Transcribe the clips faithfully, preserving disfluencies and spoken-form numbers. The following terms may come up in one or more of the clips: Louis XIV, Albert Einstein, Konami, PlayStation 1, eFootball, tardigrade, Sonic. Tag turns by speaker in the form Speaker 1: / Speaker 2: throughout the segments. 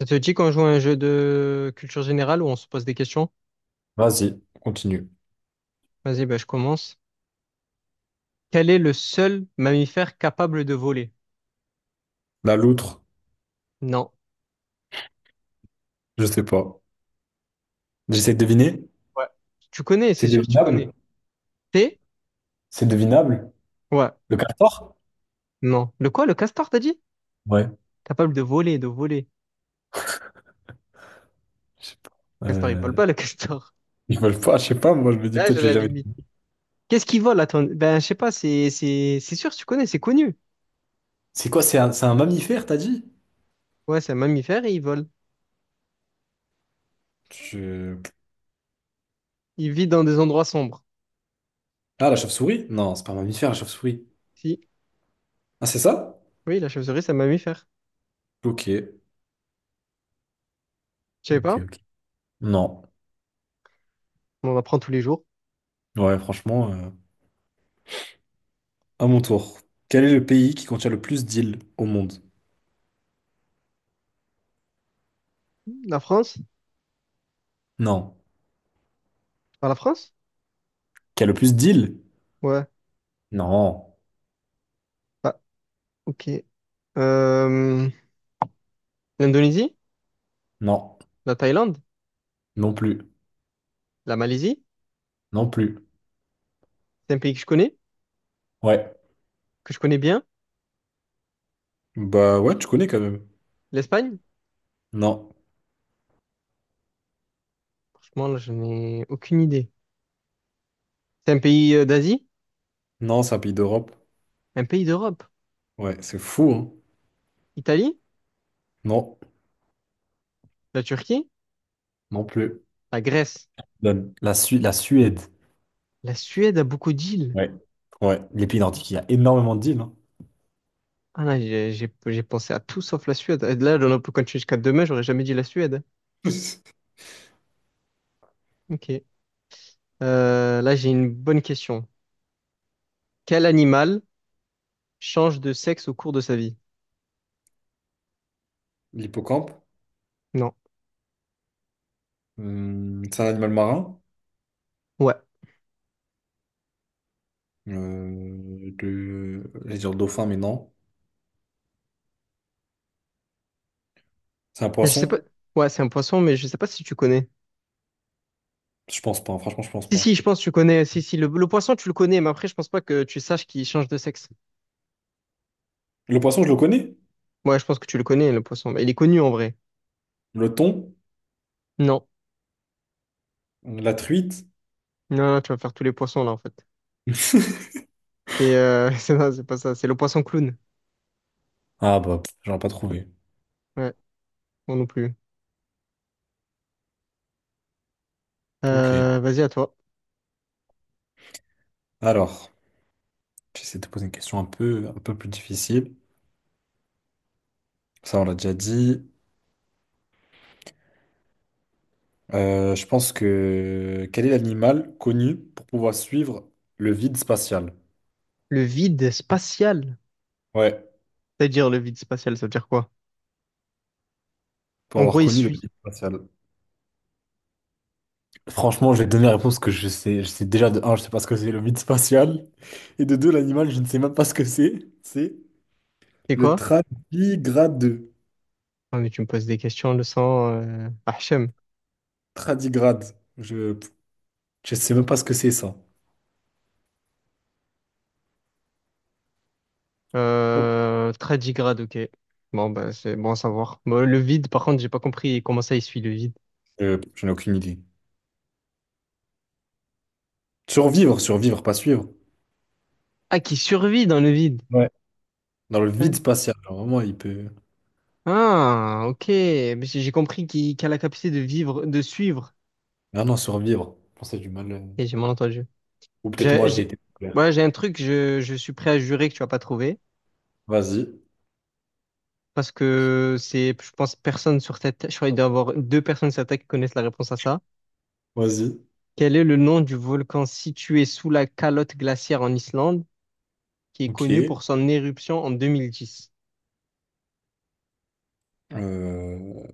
Speaker 1: Ça te dit qu'on joue à un jeu de culture générale où on se pose des questions?
Speaker 2: Vas-y, continue.
Speaker 1: Vas-y, bah, je commence. Quel est le seul mammifère capable de voler?
Speaker 2: La loutre,
Speaker 1: Non.
Speaker 2: je sais pas. J'essaie de deviner.
Speaker 1: Ouais. Tu connais,
Speaker 2: C'est
Speaker 1: c'est sûr, tu connais.
Speaker 2: devinable?
Speaker 1: T'es?
Speaker 2: C'est devinable?
Speaker 1: Ouais.
Speaker 2: Le castor?
Speaker 1: Non. Le quoi, le castor, t'as dit?
Speaker 2: Ouais.
Speaker 1: Capable de voler, de voler.
Speaker 2: Je sais pas.
Speaker 1: Castor, il vole
Speaker 2: Euh,
Speaker 1: pas, le castor.
Speaker 2: je sais pas, je sais pas, moi je me dis
Speaker 1: Là,
Speaker 2: peut-être
Speaker 1: j'ai
Speaker 2: que je l'ai
Speaker 1: la
Speaker 2: jamais
Speaker 1: limite.
Speaker 2: vu.
Speaker 1: Qu'est-ce qu'il vole, attends? Ben, je sais pas, c'est, c'est, c'est sûr, tu connais, c'est connu.
Speaker 2: C'est quoi? C'est un, c'est un mammifère, t'as dit?
Speaker 1: Ouais, c'est un mammifère et il vole.
Speaker 2: Je-
Speaker 1: Il vit dans des endroits sombres.
Speaker 2: Ah, la chauve-souris? Non, c'est pas un mammifère, la chauve-souris.
Speaker 1: Si.
Speaker 2: Ah, c'est ça?
Speaker 1: Oui, la chauve-souris, c'est un mammifère.
Speaker 2: Ok.
Speaker 1: Je savais
Speaker 2: Ok,
Speaker 1: pas.
Speaker 2: ok. Non.
Speaker 1: On en apprend tous les jours.
Speaker 2: Ouais, franchement, euh, à mon tour. Quel est le pays qui contient le plus d'îles au monde?
Speaker 1: La France?
Speaker 2: Non.
Speaker 1: Par la France?
Speaker 2: Qui a le plus d'îles?
Speaker 1: Ouais.
Speaker 2: Non.
Speaker 1: Ah, ok. Euh, L'Indonésie,
Speaker 2: Non.
Speaker 1: la Thaïlande,
Speaker 2: Non plus.
Speaker 1: la Malaisie,
Speaker 2: Non plus.
Speaker 1: c'est un pays que je connais,
Speaker 2: Ouais.
Speaker 1: que je connais bien.
Speaker 2: Bah ouais, tu connais quand même.
Speaker 1: L'Espagne,
Speaker 2: Non,
Speaker 1: franchement, là, je n'ai aucune idée. C'est un pays euh, d'Asie,
Speaker 2: non, c'est un pays d'Europe.
Speaker 1: un pays d'Europe.
Speaker 2: Ouais, c'est fou, hein.
Speaker 1: Italie,
Speaker 2: Non,
Speaker 1: la Turquie,
Speaker 2: non plus.
Speaker 1: la Grèce,
Speaker 2: La, la Su- la Suède.
Speaker 1: la Suède a beaucoup d'îles.
Speaker 2: Ouais. Ouais. Les pays nordiques, il y a énormément d'îles, hein.
Speaker 1: Ah non, j'ai j'ai- j'ai pensé à tout sauf la Suède. Et là, on peut continuer jusqu'à demain, j'aurais jamais dit la Suède. Ok. Euh, là, j'ai une bonne question. Quel animal change de sexe au cours de sa vie?
Speaker 2: L'hippocampe,
Speaker 1: Non.
Speaker 2: hum, c'est un animal marin.
Speaker 1: Ouais.
Speaker 2: Euh, de... J'allais dire dauphin, mais non. C'est un
Speaker 1: Je sais pas.
Speaker 2: poisson?
Speaker 1: Ouais, c'est un poisson, mais je sais pas si tu connais.
Speaker 2: Je pense pas, franchement, je pense
Speaker 1: Si,
Speaker 2: pas.
Speaker 1: si, je pense que tu connais. Si, si, le, le poisson, tu le connais, mais après, je pense pas que tu saches qu'il change de sexe.
Speaker 2: Le poisson, je le connais.
Speaker 1: Ouais, je pense que tu le connais, le poisson. Mais il est connu en vrai.
Speaker 2: Le thon,
Speaker 1: Non.
Speaker 2: la truite.
Speaker 1: Non, non, tu vas faire tous les poissons là, en fait. Et euh, c'est non, c'est pas ça. C'est le poisson clown.
Speaker 2: Ah bah, pff, j'aurais pas trouvé.
Speaker 1: Ouais, moi non plus.
Speaker 2: Ok.
Speaker 1: Euh, vas-y, à toi.
Speaker 2: Alors, j'essaie de te poser une question un peu, un peu plus difficile. Ça, on l'a déjà dit. Euh, je pense que quel est l'animal connu pour pouvoir suivre le vide spatial?
Speaker 1: Le vide spatial.
Speaker 2: Ouais,
Speaker 1: C'est-à-dire, le vide spatial, ça veut dire quoi?
Speaker 2: pour
Speaker 1: En
Speaker 2: avoir
Speaker 1: gros, il
Speaker 2: connu le
Speaker 1: suit.
Speaker 2: vide spatial. Franchement, je vais te donner la réponse que je sais. Je sais déjà de un, je sais pas ce que c'est le vide spatial. Et de deux, l'animal, je ne sais même pas ce que c'est. C'est
Speaker 1: C'est
Speaker 2: le
Speaker 1: quoi?
Speaker 2: tradigrade.
Speaker 1: Ah, mais tu me poses des questions, le sang. Euh... Hachem.
Speaker 2: Tradigrade. Je je sais même pas ce que c'est ça. Ok.
Speaker 1: Euh, tardigrade, ok. Bon, bah, c'est bon à savoir. Bon, le vide, par contre, j'ai pas compris comment ça, il suit le vide.
Speaker 2: Euh, je n'ai aucune idée. Survivre, survivre, pas suivre.
Speaker 1: Ah, qui survit dans le vide.
Speaker 2: Ouais. Dans le vide
Speaker 1: Ouais.
Speaker 2: spatial, genre, vraiment, il peut.
Speaker 1: Ah, ok. Mais J'ai j'ai compris qu'il qu'il a la capacité de vivre, de suivre.
Speaker 2: Ah non, survivre. Je pense que c'est du mal. euh,
Speaker 1: Et j'ai mal entendu.
Speaker 2: Ou peut-être moi,
Speaker 1: J'ai,
Speaker 2: j'ai
Speaker 1: j'ai-
Speaker 2: été populaire.
Speaker 1: ouais, j'ai un truc, je, je suis prêt à jurer que tu vas pas trouver.
Speaker 2: Vas-y,
Speaker 1: Parce que c'est, je pense, personne sur cette terre. Je crois qu'il doit y avoir deux personnes sur cette terre qui connaissent la réponse à ça.
Speaker 2: vas-y.
Speaker 1: Quel est le nom du volcan situé sous la calotte glaciaire en Islande, qui est connu
Speaker 2: Ok.
Speaker 1: pour son éruption en deux mille dix?
Speaker 2: Euh,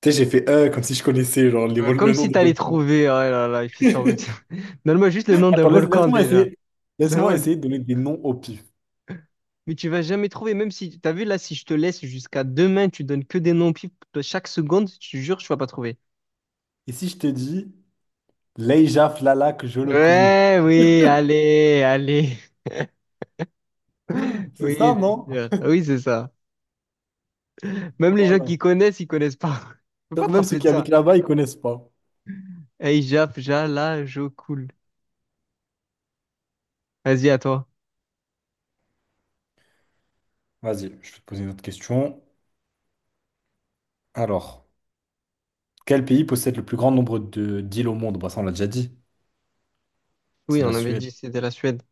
Speaker 2: Tu sais, j'ai fait euh, comme si je connaissais genre, les
Speaker 1: Euh,
Speaker 2: vol- le
Speaker 1: Comme
Speaker 2: nom
Speaker 1: si
Speaker 2: des
Speaker 1: t'allais
Speaker 2: volcans.
Speaker 1: trouver. Oh là là, il fait semblant. Donne-moi juste le nom d'un
Speaker 2: Attends, laisse-
Speaker 1: volcan
Speaker 2: laisse-moi
Speaker 1: déjà.
Speaker 2: essayer. Laisse-moi
Speaker 1: Donne-moi.
Speaker 2: essayer de donner des noms au pif.
Speaker 1: Mais tu vas jamais trouver, même si, t'as vu là, si je te laisse jusqu'à demain, tu donnes que des noms pipes chaque seconde, je te jure, tu vas pas trouver.
Speaker 2: Et si je te dis Leija Flalak Jolokulu,
Speaker 1: Ouais, oui, allez, allez.
Speaker 2: c'est
Speaker 1: Oui,
Speaker 2: ça, non?
Speaker 1: bien sûr. Oui, c'est ça. Même les gens qui
Speaker 2: Voilà.
Speaker 1: connaissent, ils connaissent pas. Je peux pas
Speaker 2: Donc
Speaker 1: te
Speaker 2: même ceux
Speaker 1: rappeler de
Speaker 2: qui habitent
Speaker 1: ça.
Speaker 2: là-bas, ils connaissent pas.
Speaker 1: Hey, Jap, Jala, Jokul. Vas-y, à toi.
Speaker 2: Vas-y, je vais te poser une autre question. Alors, quel pays possède le plus grand nombre de d'îles au monde? Bah ça, on l'a déjà dit.
Speaker 1: Oui,
Speaker 2: C'est la
Speaker 1: on avait
Speaker 2: Suède.
Speaker 1: dit que c'était la Suède.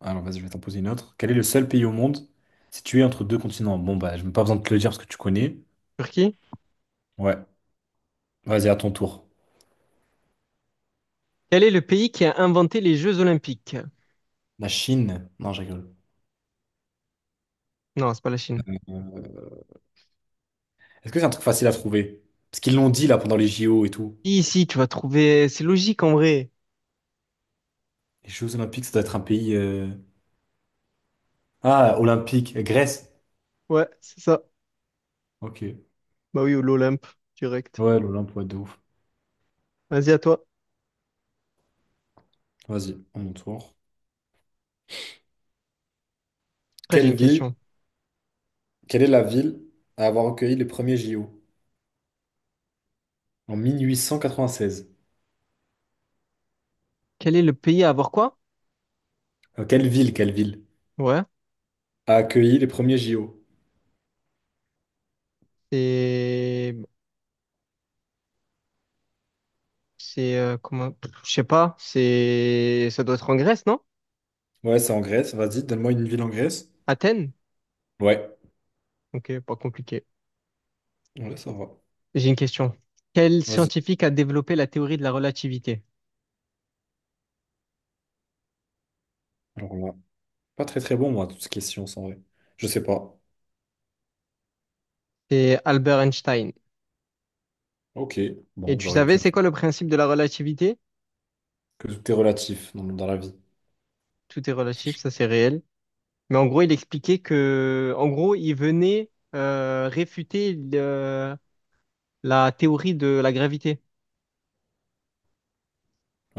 Speaker 2: Alors vas-y, je vais t'en poser une autre. Quel est le seul pays au monde situé entre deux continents? Bon, bah, je n'ai pas besoin de te le dire parce que tu connais.
Speaker 1: Turquie?
Speaker 2: Ouais, vas-y, à ton tour.
Speaker 1: Quel est le pays qui a inventé les Jeux Olympiques?
Speaker 2: La Chine? Non, je rigole.
Speaker 1: Non, c'est pas la Chine.
Speaker 2: Euh, Est-ce que c'est un truc facile à trouver? Parce qu'ils l'ont dit là pendant les J O et tout.
Speaker 1: Ici, tu vas trouver. C'est logique en vrai.
Speaker 2: Les Jeux Olympiques, ça doit être un pays. euh, Ah, olympique, Grèce.
Speaker 1: Ouais, c'est ça.
Speaker 2: Ok.
Speaker 1: Bah oui, ou l'Olympe, direct.
Speaker 2: Ouais, l'Olympe, ouais, de ouf.
Speaker 1: Vas-y, à toi.
Speaker 2: Vas-y, à mon tour.
Speaker 1: Après, j'ai
Speaker 2: Quelle
Speaker 1: une
Speaker 2: ville,
Speaker 1: question.
Speaker 2: quelle est la ville à avoir accueilli les premiers J O? En mille huit cent quatre-vingt-seize.
Speaker 1: Quel est le pays à avoir quoi?
Speaker 2: Euh, quelle ville, quelle ville
Speaker 1: Ouais.
Speaker 2: a accueilli les premiers J O?
Speaker 1: C'est. C'est. euh, comment. Pff, je sais pas. C'est. Ça doit être en Grèce, non?
Speaker 2: Ouais, c'est en Grèce. Vas-y, donne-moi une ville en Grèce.
Speaker 1: Athènes?
Speaker 2: Ouais.
Speaker 1: Ok, pas compliqué.
Speaker 2: Ouais, ça va.
Speaker 1: J'ai une question. Quel
Speaker 2: Vas-y.
Speaker 1: scientifique a développé la théorie de la relativité?
Speaker 2: Alors là, pas très très bon, moi, toutes ces questions en vrai. Je sais pas.
Speaker 1: C'est Albert Einstein.
Speaker 2: Ok.
Speaker 1: Et
Speaker 2: Bon,
Speaker 1: tu
Speaker 2: j'aurais
Speaker 1: savais,
Speaker 2: pu.
Speaker 1: c'est quoi le principe de la relativité?
Speaker 2: Que tout est relatif dans, dans la vie.
Speaker 1: Tout est relatif, ça c'est réel. Mais en gros, il expliquait que. En gros, il venait euh, réfuter le- la théorie de la gravité.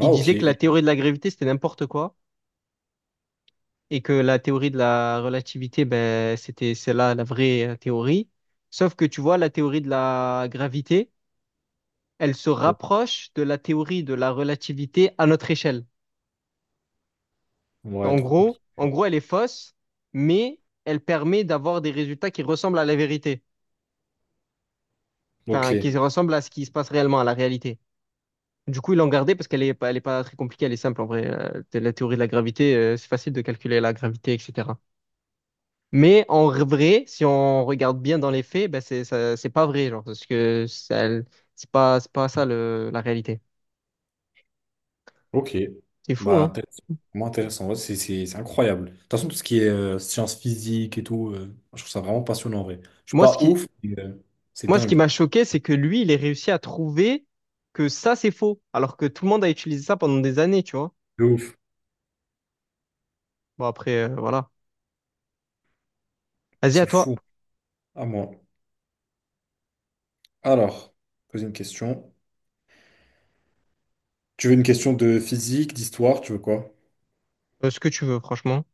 Speaker 1: Il
Speaker 2: ok.
Speaker 1: disait que la théorie de la gravité, c'était n'importe quoi et que la théorie de la relativité, ben, c'était c'est là la vraie euh, théorie. Sauf que tu vois, la théorie de la gravité, elle se rapproche de la théorie de la relativité à notre échelle.
Speaker 2: Ouais,
Speaker 1: En
Speaker 2: trop compliqué.
Speaker 1: gros, en gros, elle est fausse, mais elle permet d'avoir des résultats qui ressemblent à la vérité,
Speaker 2: Ok.
Speaker 1: enfin, qui ressemblent à ce qui se passe réellement, à la réalité. Du coup, ils l'ont gardée parce qu'elle est pas, elle est pas très compliquée, elle est simple en vrai. Euh, La théorie de la gravité, euh, c'est facile de calculer la gravité, et cetera. Mais en vrai, si on regarde bien dans les faits, ben c'est ça- c'est pas vrai, genre, parce que ça- c'est pas c'est pas ça le, la réalité.
Speaker 2: Ok.
Speaker 1: C'est fou,
Speaker 2: Bah,
Speaker 1: hein.
Speaker 2: intéressant. Vraiment intéressant. Ouais, c'est c'est- c'est incroyable. De toute façon, tout ce qui est euh, sciences physiques et tout, euh, je trouve ça vraiment passionnant, en vrai. Je suis
Speaker 1: Moi, ce
Speaker 2: pas
Speaker 1: qui
Speaker 2: ouf, mais euh, c'est
Speaker 1: moi ce qui
Speaker 2: dingue.
Speaker 1: m'a choqué, c'est que lui, il ait réussi à trouver que ça c'est faux, alors que tout le monde a utilisé ça pendant des années, tu vois.
Speaker 2: De ouf.
Speaker 1: Bon après, euh, voilà. Vas-y à
Speaker 2: C'est
Speaker 1: toi,
Speaker 2: fou. À moi. Alors, poser une question. Tu veux une question de physique, d'histoire, tu veux quoi?
Speaker 1: Euh, ce que tu veux, franchement.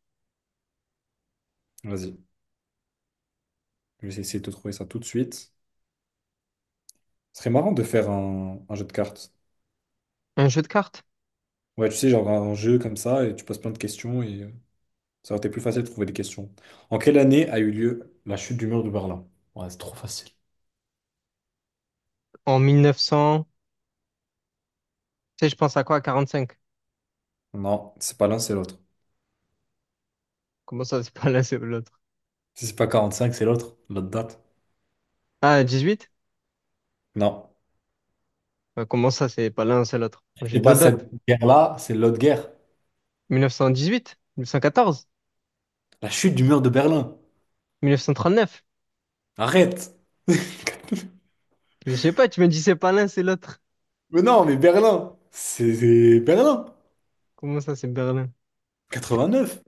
Speaker 2: Vas-y, je vais essayer de te trouver ça tout de suite. Ce serait marrant de faire un, un jeu de cartes.
Speaker 1: Un jeu de cartes
Speaker 2: Ouais, tu sais, genre un jeu comme ça, et tu poses plein de questions, et euh, ça aurait été plus facile de trouver des questions. En quelle année a eu lieu la chute du mur de Berlin? Ouais, c'est trop facile.
Speaker 1: en mille neuf cents, tu sais, je pense à quoi? À quarante-cinq.
Speaker 2: Non, c'est pas l'un, c'est l'autre.
Speaker 1: Comment ça, c'est pas l'un, c'est l'autre?
Speaker 2: Si c'est pas quarante-cinq, c'est l'autre, l'autre date.
Speaker 1: Ah, dix-huit?
Speaker 2: Non.
Speaker 1: Euh, Comment ça, c'est pas l'un, c'est l'autre? Moi,
Speaker 2: Si
Speaker 1: j'ai
Speaker 2: c'est
Speaker 1: deux
Speaker 2: pas cette
Speaker 1: dates.
Speaker 2: guerre-là, c'est l'autre guerre.
Speaker 1: mille neuf cent dix-huit, mille neuf cent quatorze.
Speaker 2: La chute du mur de Berlin.
Speaker 1: mille neuf cent trente-neuf?
Speaker 2: Arrête!
Speaker 1: Mais je sais pas, tu me dis c'est pas l'un, c'est l'autre.
Speaker 2: Mais non, mais Berlin! C'est c'est Berlin!
Speaker 1: Comment ça, c'est Berlin?
Speaker 2: Neuf.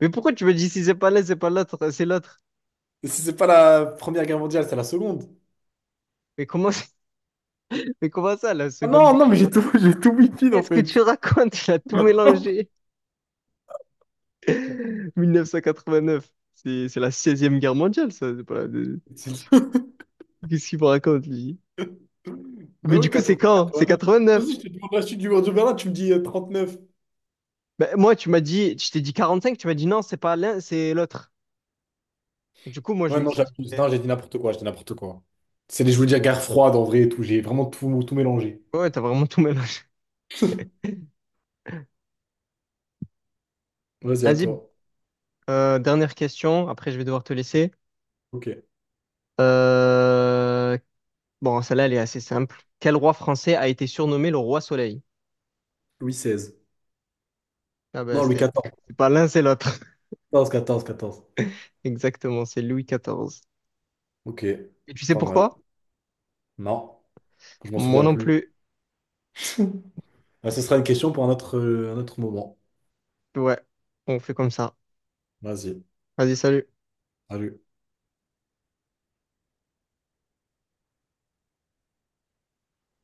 Speaker 1: Mais pourquoi tu me dis si c'est pas l'un, c'est pas l'autre, euh, c'est l'autre?
Speaker 2: C'est c'est pas la Première Guerre mondiale, c'est la seconde.
Speaker 1: Mais comment, ça- mais comment ça, la
Speaker 2: Ah
Speaker 1: Seconde
Speaker 2: non,
Speaker 1: Guerre?
Speaker 2: non, mais j'ai tout, j'ai tout wi en
Speaker 1: Qu'est-ce que
Speaker 2: fait.
Speaker 1: tu racontes? Il a tout mélangé. mille neuf cent quatre-vingt-neuf, c'est c'est la seize guerre mondiale, ça. C'est pas la deux- Qu'est-ce qu'il me raconte, lui?
Speaker 2: Mais
Speaker 1: Mais du
Speaker 2: oui,
Speaker 1: coup, c'est
Speaker 2: quatre-vingts,
Speaker 1: quand? C'est
Speaker 2: quatre-vingt-neuf. Vas-y,
Speaker 1: quatre-vingt-neuf.
Speaker 2: je te demande la chute du mur de Berlin, tu me dis euh, neuf.
Speaker 1: Bah, moi, tu m'as dit, je t'ai dit quarante-cinq, tu m'as dit non, c'est pas l'un, c'est l'autre. Du coup, moi,
Speaker 2: Ouais,
Speaker 1: je me
Speaker 2: non,
Speaker 1: suis dit,
Speaker 2: j'abuse.
Speaker 1: eh,
Speaker 2: Non, j'ai dit n'importe quoi, j'ai dit n'importe quoi. C'est les, je voulais dire guerre froide en vrai et tout. J'ai vraiment tout, tout mélangé.
Speaker 1: ouais, t'as vraiment tout mélangé.
Speaker 2: Vas-y, à
Speaker 1: Vas-y,
Speaker 2: toi.
Speaker 1: euh, dernière question, après, je vais devoir te laisser.
Speaker 2: Ok.
Speaker 1: Euh, Bon, celle-là, elle est assez simple. Quel roi français a été surnommé le roi soleil?
Speaker 2: Louis seize.
Speaker 1: Ah ben,
Speaker 2: Non, Louis
Speaker 1: c'est
Speaker 2: quatorze.
Speaker 1: c'est pas l'un, c'est l'autre.
Speaker 2: Quatorze, quatorze, quatorze.
Speaker 1: Exactement, c'est Louis quatorze.
Speaker 2: Ok.
Speaker 1: Et tu sais
Speaker 2: Pas mal.
Speaker 1: pourquoi?
Speaker 2: Non, je m'en
Speaker 1: Moi
Speaker 2: souviens
Speaker 1: non
Speaker 2: plus.
Speaker 1: plus.
Speaker 2: Ah, ce sera une question pour un autre, euh, un autre moment.
Speaker 1: Ouais, on fait comme ça.
Speaker 2: Vas-y.
Speaker 1: Vas-y, salut.
Speaker 2: Salut.